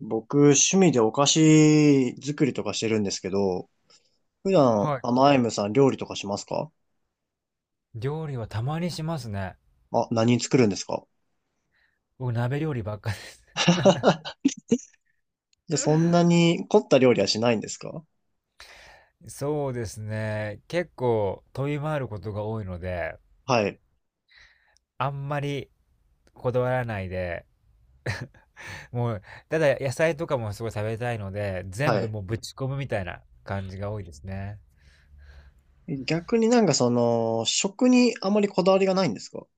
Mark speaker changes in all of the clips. Speaker 1: 僕、趣味でお菓子作りとかしてるんですけど、普段、
Speaker 2: は
Speaker 1: アイムさん料理とかしますか？
Speaker 2: い。料理はたまにしますね。
Speaker 1: あ、何作るんですか？
Speaker 2: 僕、鍋料理ばっかです。
Speaker 1: じゃあ そんなに凝った料理はしないんですか？
Speaker 2: そうですね。結構飛び回ることが多いので、
Speaker 1: はい。
Speaker 2: あんまりこだわらないで、もう、ただ野菜とかもすごい食べたいので、全
Speaker 1: は
Speaker 2: 部
Speaker 1: い。
Speaker 2: もうぶち込むみたいな感じが多いですね。
Speaker 1: 逆になんかその、食にあまりこだわりがないんですか？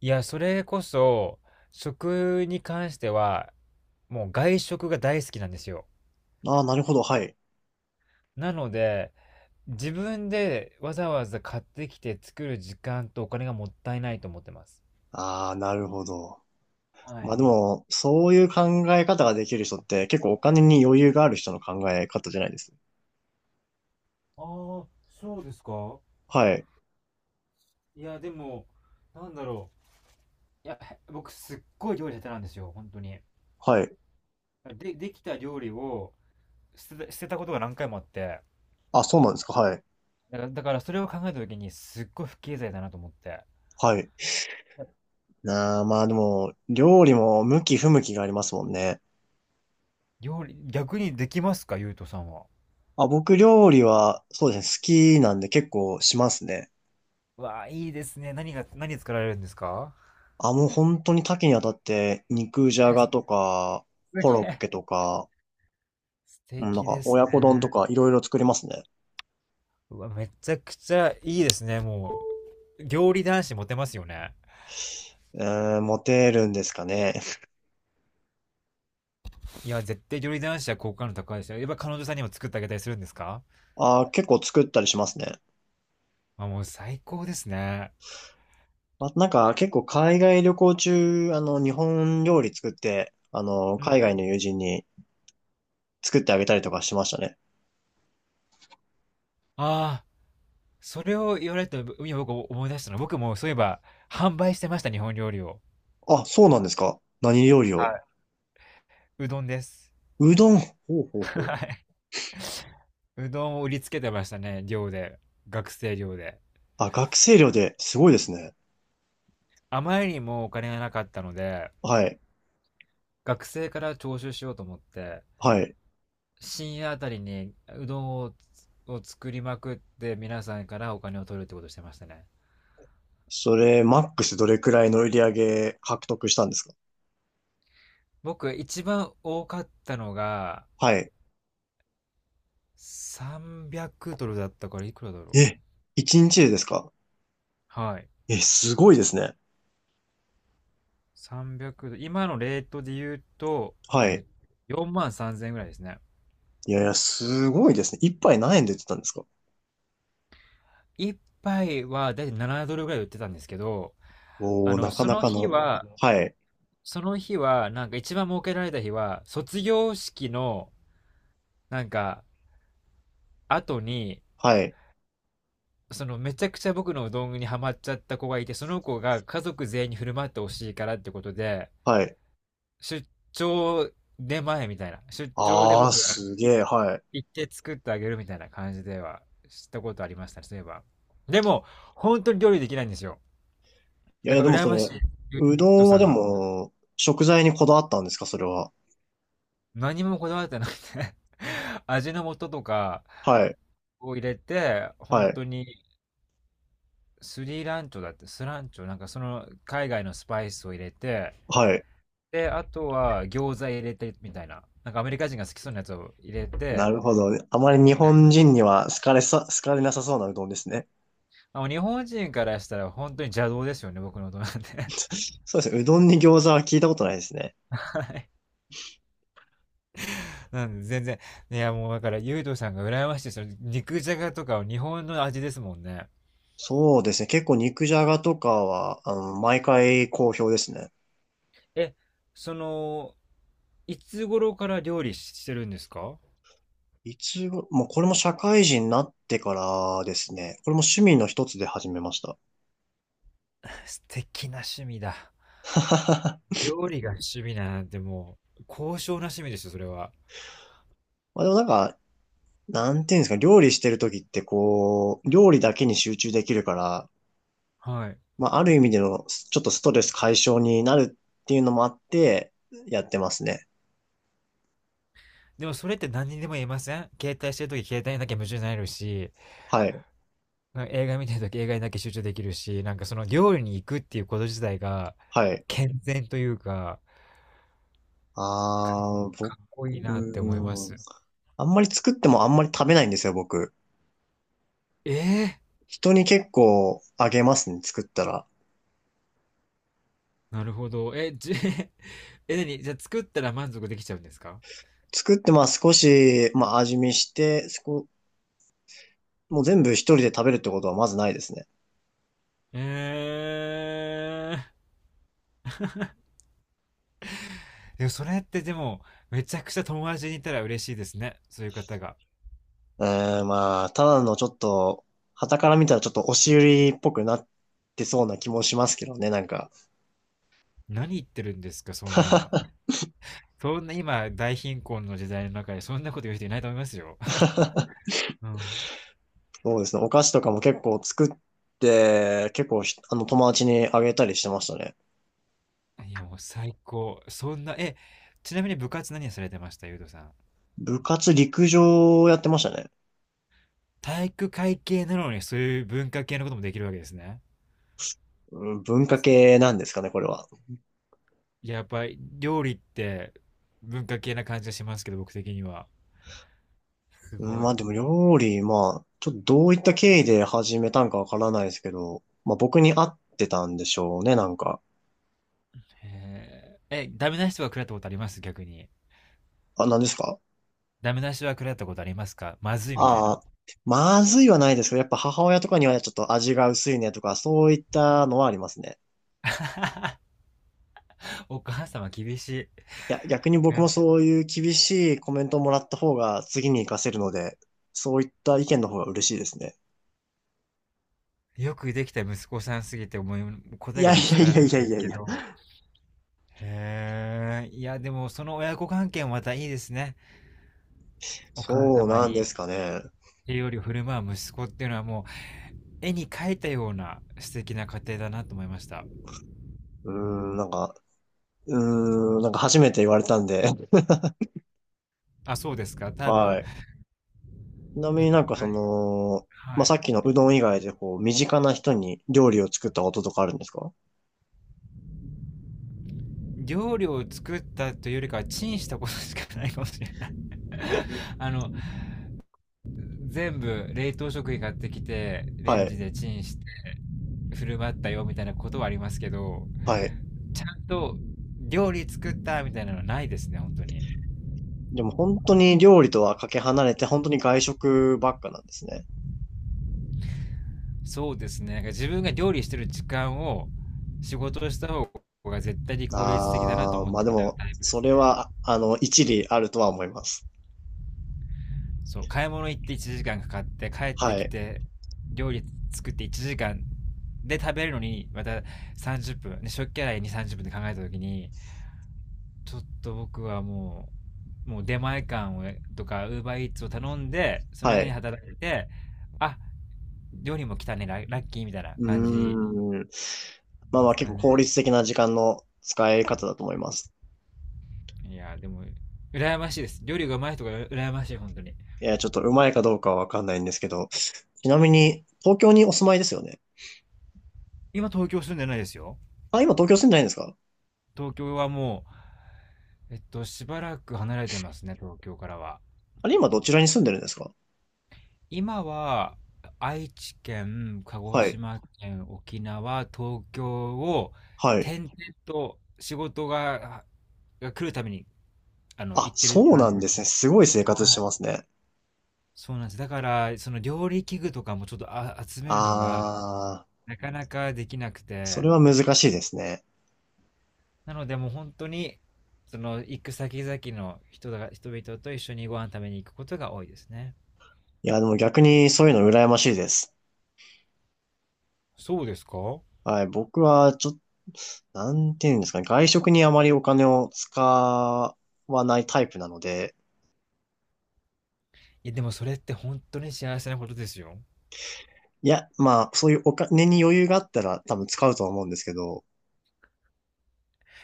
Speaker 2: いや、それこそ、食に関しては、もう外食が大好きなんですよ。
Speaker 1: ああー、なるほど。はい。
Speaker 2: なので、自分でわざわざ買ってきて作る時間とお金がもったいないと思ってます。
Speaker 1: ああ、なるほど。
Speaker 2: は
Speaker 1: まあ
Speaker 2: い。
Speaker 1: でも、そういう考え方ができる人って結構お金に余裕がある人の考え方じゃないです。
Speaker 2: ああ、そうですか？
Speaker 1: はい。
Speaker 2: いや、でも、なんだろう。いや、僕すっごい料理下手なんですよ、本当に。
Speaker 1: はい。
Speaker 2: で、できた料理を捨てたことが何回もあって、
Speaker 1: あ、そうなんですか。はい。
Speaker 2: だからそれを考えた時にすっごい不経済だなと思って。
Speaker 1: はい。なあ、まあでも、料理も向き不向きがありますもんね。
Speaker 2: 料理、逆にできますか、ゆうとさんは。
Speaker 1: あ、僕料理は、そうですね、好きなんで結構しますね。
Speaker 2: わあ、いいですね。何が、何作られるんですか？
Speaker 1: あ、もう本当に多岐にわたって、肉じゃ
Speaker 2: え、
Speaker 1: が
Speaker 2: す
Speaker 1: とか、
Speaker 2: げ
Speaker 1: コロッ
Speaker 2: え。
Speaker 1: ケとか、
Speaker 2: 素
Speaker 1: うんなん
Speaker 2: 敵で
Speaker 1: か
Speaker 2: す
Speaker 1: 親子丼と
Speaker 2: ね。
Speaker 1: かいろいろ作りますね。
Speaker 2: うわ、めちゃくちゃいいですね。もう、料理男子モテますよね。
Speaker 1: えー、モテるんですかね。
Speaker 2: いや、絶対料理男子は好感度高いですよ。やっぱ彼女さんにも作ってあげたりするんですか？
Speaker 1: あ、結構作ったりしますね。
Speaker 2: まあ、もう最高ですね。
Speaker 1: あ、なんか結構海外旅行中、日本料理作って、
Speaker 2: うん。
Speaker 1: 海外の友人に作ってあげたりとかしましたね。
Speaker 2: ああ、それを言われたら、今僕思い出したのは、僕もそういえば、販売してました、日本料理を。
Speaker 1: あ、そうなんですか。何料理を。
Speaker 2: はい。うどんです。
Speaker 1: うどん。ほうほう
Speaker 2: は
Speaker 1: ほう。
Speaker 2: い。うどんを売りつけてましたね、寮で。学生寮で。
Speaker 1: あ、学生寮ですごいですね。
Speaker 2: あまりにもお金がなかったので、
Speaker 1: はい。
Speaker 2: 学生から徴収しようと思って、
Speaker 1: はい。
Speaker 2: 深夜あたりにうどんを作りまくって皆さんからお金を取るってことをしてましたね。
Speaker 1: それ、マックスどれくらいの売り上げ獲得したんですか？
Speaker 2: 僕一番多かったのが
Speaker 1: はい。
Speaker 2: 300ドルだったから、いくらだろう。
Speaker 1: え、1日でですか？
Speaker 2: はい。
Speaker 1: え、すごいですね。
Speaker 2: 300ドル。今のレートで言うと、
Speaker 1: はい。
Speaker 2: 4万3000円ぐらいですね。
Speaker 1: いやいや、すごいですね。一杯何円で売ってたんですか？
Speaker 2: 一杯はだいたい7ドルぐらい売ってたんですけど、
Speaker 1: おー、なか
Speaker 2: そ
Speaker 1: な
Speaker 2: の
Speaker 1: か
Speaker 2: 日
Speaker 1: の。
Speaker 2: は、
Speaker 1: はい。
Speaker 2: その日は、なんか一番儲けられた日は、卒業式の、なんか、後に、
Speaker 1: はい。
Speaker 2: そのめちゃくちゃ僕のうどんにハマっちゃった子がいて、その子が家族全員に振る舞ってほしいからってことで、
Speaker 1: はい。
Speaker 2: 出張出前みたいな。出張で
Speaker 1: あー、
Speaker 2: 僕が
Speaker 1: す
Speaker 2: い
Speaker 1: げえ。はい。
Speaker 2: 行って作ってあげるみたいな感じではしたことありましたね、そういえば。でも、本当に料理できないんですよ。
Speaker 1: いやい
Speaker 2: だ
Speaker 1: や、
Speaker 2: か
Speaker 1: で
Speaker 2: ら
Speaker 1: も
Speaker 2: 羨
Speaker 1: そ
Speaker 2: まし
Speaker 1: れ、
Speaker 2: い、ゆう
Speaker 1: うど
Speaker 2: と
Speaker 1: んは
Speaker 2: さん
Speaker 1: で
Speaker 2: が。
Speaker 1: も、食材にこだわったんですかそれは。
Speaker 2: 何もこだわってなくて 味の素とか
Speaker 1: はい。
Speaker 2: を入れて、
Speaker 1: は
Speaker 2: 本
Speaker 1: い。
Speaker 2: 当にスランチョ、なんかその海外のスパイスを入れて、
Speaker 1: はい。
Speaker 2: で、あとは餃子入れてみたいな。なんかアメリカ人が好きそうなやつを入れ
Speaker 1: な
Speaker 2: て、
Speaker 1: るほど。あまり日本人には好かれさ、好かれなさそうなうどんですね。
Speaker 2: まあもう日本人からしたら本当に邪道ですよね、僕の音なんで。
Speaker 1: そうですね。うどんに餃子は聞いたことないですね。
Speaker 2: なんで全然。いや、もうだから、ゆうとさんが羨ましいですよ。肉じゃがとかは日本の味ですもんね。
Speaker 1: そうですね。結構肉じゃがとかは、毎回好評ですね。
Speaker 2: え、その、いつ頃から料理してるんですか？
Speaker 1: いつご、もうこれも社会人になってからですね。これも趣味の一つで始めました。
Speaker 2: 素敵な趣味だ。料理が趣味なんてもう、高尚な趣味ですよ、それは。
Speaker 1: まあでもなんか、なんていうんですか、料理してる時ってこう、料理だけに集中できるから、
Speaker 2: はい。
Speaker 1: まあある意味でのちょっとストレス解消になるっていうのもあって、やってますね。
Speaker 2: でもそれって何にでも言えません？携帯してるとき携帯なきゃ夢中になれるし、
Speaker 1: はい。
Speaker 2: なんか映画見てるとき映画にだけ集中できるし、なんかその料理に行くっていうこと自体が、
Speaker 1: はい。
Speaker 2: 健全というか、か
Speaker 1: ああ、僕、
Speaker 2: かっこいい
Speaker 1: う
Speaker 2: なって思いま
Speaker 1: ーん。
Speaker 2: す。
Speaker 1: あんまり作ってもあんまり食べないんですよ、僕。
Speaker 2: ええ、
Speaker 1: 人に結構あげますね、作ったら。
Speaker 2: なるほど。え、じ、え、何？じゃあ作ったら満足できちゃうんですか？
Speaker 1: 作って、まあ少し、まあ味見して、そこ、もう全部一人で食べるってことはまずないですね。
Speaker 2: えー、でもそれってでも、めちゃくちゃ友達にいたら嬉しいですね、そういう方が。
Speaker 1: うーん、まあ、ただのちょっと、傍から見たらちょっと押し売りっぽくなってそうな気もしますけどね、なんか。
Speaker 2: 何言ってるんですか、そんな。そんな今、大貧困の時代の中で、そんなこと言う人いないと思いますよ。うん。
Speaker 1: そうですね、お菓子とかも結構作って、結構ひ、友達にあげたりしてましたね。
Speaker 2: いや、もう最高。そんな、え、ちなみに部活何されてました、ゆうとさん。
Speaker 1: 部活陸上やってましたね。
Speaker 2: 体育会系なのにそういう文化系のこともできるわけですね。
Speaker 1: うん文化系なんですかね、これは。
Speaker 2: いや、やっぱり料理って文化系な感じがしますけど、僕的には。す
Speaker 1: うん
Speaker 2: ごい。
Speaker 1: まあでも料理、まあ、ちょっとどういった経緯で始めたんかわからないですけど、まあ僕に合ってたんでしょうね、なんか。
Speaker 2: へえ。え、ダメな人はか食らったことあります、逆に。
Speaker 1: あ、何ですか？
Speaker 2: ダメな人は食らったことありますか、まずいみたい
Speaker 1: あ
Speaker 2: な。
Speaker 1: あー、まずいはないですけど、やっぱ母親とかにはちょっと味が薄いねとか、そういったのはありますね。
Speaker 2: お母様厳し
Speaker 1: いや、逆に
Speaker 2: い。
Speaker 1: 僕も
Speaker 2: ね。
Speaker 1: そういう厳しいコメントをもらった方が次に活かせるので、そういった意見の方が嬉しいですね。
Speaker 2: よくできた息子さんすぎてもう答
Speaker 1: い
Speaker 2: えが
Speaker 1: やい
Speaker 2: 見つ
Speaker 1: や
Speaker 2: か
Speaker 1: い
Speaker 2: ら
Speaker 1: や
Speaker 2: な
Speaker 1: い
Speaker 2: いん
Speaker 1: や
Speaker 2: で
Speaker 1: い
Speaker 2: す
Speaker 1: やい
Speaker 2: け
Speaker 1: や。
Speaker 2: ど。へえ。いや、でもその親子関係もまたいいですね。お母
Speaker 1: そう
Speaker 2: 様
Speaker 1: なんで
Speaker 2: に
Speaker 1: すかね。
Speaker 2: 栄養料振る舞う息子っていうのは、もう絵に描いたような素敵な家庭だなと思いました。
Speaker 1: うーん、なんか、うーん、なんか初めて言われたんで、
Speaker 2: あ、そうですか。多
Speaker 1: は
Speaker 2: 分、
Speaker 1: い。ちなみ
Speaker 2: やっ
Speaker 1: になんか
Speaker 2: ぱ
Speaker 1: そ
Speaker 2: り、
Speaker 1: の、
Speaker 2: は
Speaker 1: まあ、さ
Speaker 2: い。
Speaker 1: っきのうどん以外でこう、身近な人に料理を作ったこととかあるんですか？
Speaker 2: 料理を作ったというよりかはチンしたことしかないかもしれない。 あの、全部冷凍食品買ってきて、レ
Speaker 1: は
Speaker 2: ンジ
Speaker 1: い、
Speaker 2: でチンして振る舞ったよみたいなことはありますけど、
Speaker 1: はい。
Speaker 2: ちゃんと料理作ったみたいなのはないですね、本当に。
Speaker 1: でも本当に料理とはかけ離れて、本当に外食ばっかなんですね。
Speaker 2: そうですね。なんか自分が料理してる時間を仕事をした方が絶対に効率的だなと
Speaker 1: ああ
Speaker 2: 思っち
Speaker 1: まあで
Speaker 2: ゃう
Speaker 1: も、
Speaker 2: タイプで
Speaker 1: そ
Speaker 2: す
Speaker 1: れ
Speaker 2: ね。
Speaker 1: は、一理あるとは思います。
Speaker 2: そう、買い物行って1時間かかって帰って
Speaker 1: は
Speaker 2: き
Speaker 1: い、
Speaker 2: て、料理作って1時間で食べるのにまた30分、ね、食器洗いに30分で考えた時に、ちょっと僕はもう、もう出前館とか Uber Eats を頼んでその
Speaker 1: は
Speaker 2: 間に
Speaker 1: い。
Speaker 2: 働いて、あ、料理も来たね、ラッキーみたいな
Speaker 1: う
Speaker 2: 感じ
Speaker 1: ーん。まあ
Speaker 2: で
Speaker 1: まあ
Speaker 2: す
Speaker 1: 結
Speaker 2: か
Speaker 1: 構
Speaker 2: ね？
Speaker 1: 効率的な時間の使い方だと思います。
Speaker 2: いやーでも羨ましいです。料理がうまい人が羨ましい、本当に。
Speaker 1: いや、ちょっとうまいかどうかはわかんないんですけど、ちなみに、東京にお住まいですよね。
Speaker 2: 今東京住んでないですよ。
Speaker 1: あ、今東京住んでないんですか？
Speaker 2: 東京はもうしばらく離れてますね、東京からは。
Speaker 1: あれ、今どちらに住んでるんですか？
Speaker 2: 今は愛知県、鹿児
Speaker 1: はい。
Speaker 2: 島県、沖縄、東京を
Speaker 1: はい。
Speaker 2: 転々と、仕事が来るために、あの、
Speaker 1: あ、
Speaker 2: 行ってる
Speaker 1: そう
Speaker 2: 感
Speaker 1: な
Speaker 2: じ
Speaker 1: ん
Speaker 2: です。
Speaker 1: ですね。すごい生活し
Speaker 2: は
Speaker 1: て
Speaker 2: い、
Speaker 1: ますね。
Speaker 2: そうなんです。だから、その料理器具とかもちょっと集めるのが、
Speaker 1: あー、
Speaker 2: なかなかできなく
Speaker 1: そ
Speaker 2: て、
Speaker 1: れは難しいですね。
Speaker 2: なのでもう本当に、その行く先々の人々と一緒にご飯食べに行くことが多いですね。
Speaker 1: いや、でも逆にそういうの羨ましいです。
Speaker 2: そうですか？
Speaker 1: はい。僕は、ちょっと、なんていうんですかね。外食にあまりお金を使わないタイプなので、
Speaker 2: いやでもそれって本当に幸せなことですよ。
Speaker 1: いや、まあ、そういうお金に余裕があったら多分使うとは思うんですけど、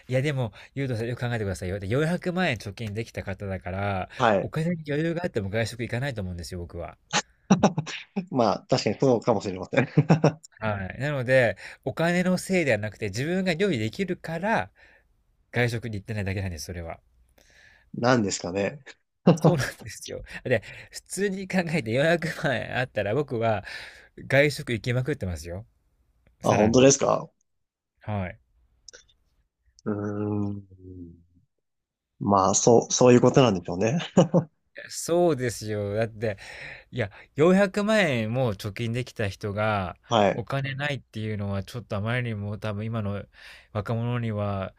Speaker 2: いやでも、ゆうとさんよく考えてくださいよ。で、400万円貯金できた方だから、
Speaker 1: は
Speaker 2: お
Speaker 1: い。
Speaker 2: 金に余裕があっても外食行かないと思うんですよ、僕は。
Speaker 1: まあ、確かにそうかもしれません。
Speaker 2: はい。なので、お金のせいではなくて、自分が料理できるから、外食に行ってないだけなんです、それは。
Speaker 1: なんですかね。
Speaker 2: そうな んですよ。で、普通に考えて400万あったら僕は外食行きまくってますよ。
Speaker 1: あ、
Speaker 2: さら
Speaker 1: 本当で
Speaker 2: に。
Speaker 1: すか？
Speaker 2: はい。
Speaker 1: うーん。まあ、そう、そういうことなんでしょうね。
Speaker 2: そうですよ。だって、いや、400万円も貯金できた人が
Speaker 1: はい。
Speaker 2: お金ないっていうのは、ちょっとあまりにも多分今の若者には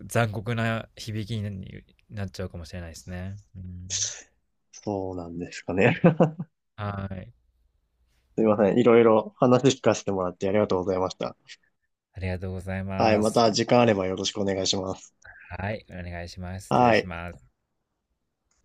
Speaker 2: 残酷な響きになっちゃうかもしれないですね。うん、
Speaker 1: そうなんですかね。
Speaker 2: はい。
Speaker 1: すいません。いろいろ話聞かせてもらってありがとうございました。
Speaker 2: ありがとうござい
Speaker 1: はい。
Speaker 2: ま
Speaker 1: ま
Speaker 2: す。
Speaker 1: た時間あればよろしくお願いします。
Speaker 2: はい。お願いします。失礼
Speaker 1: は
Speaker 2: し
Speaker 1: い。
Speaker 2: ます。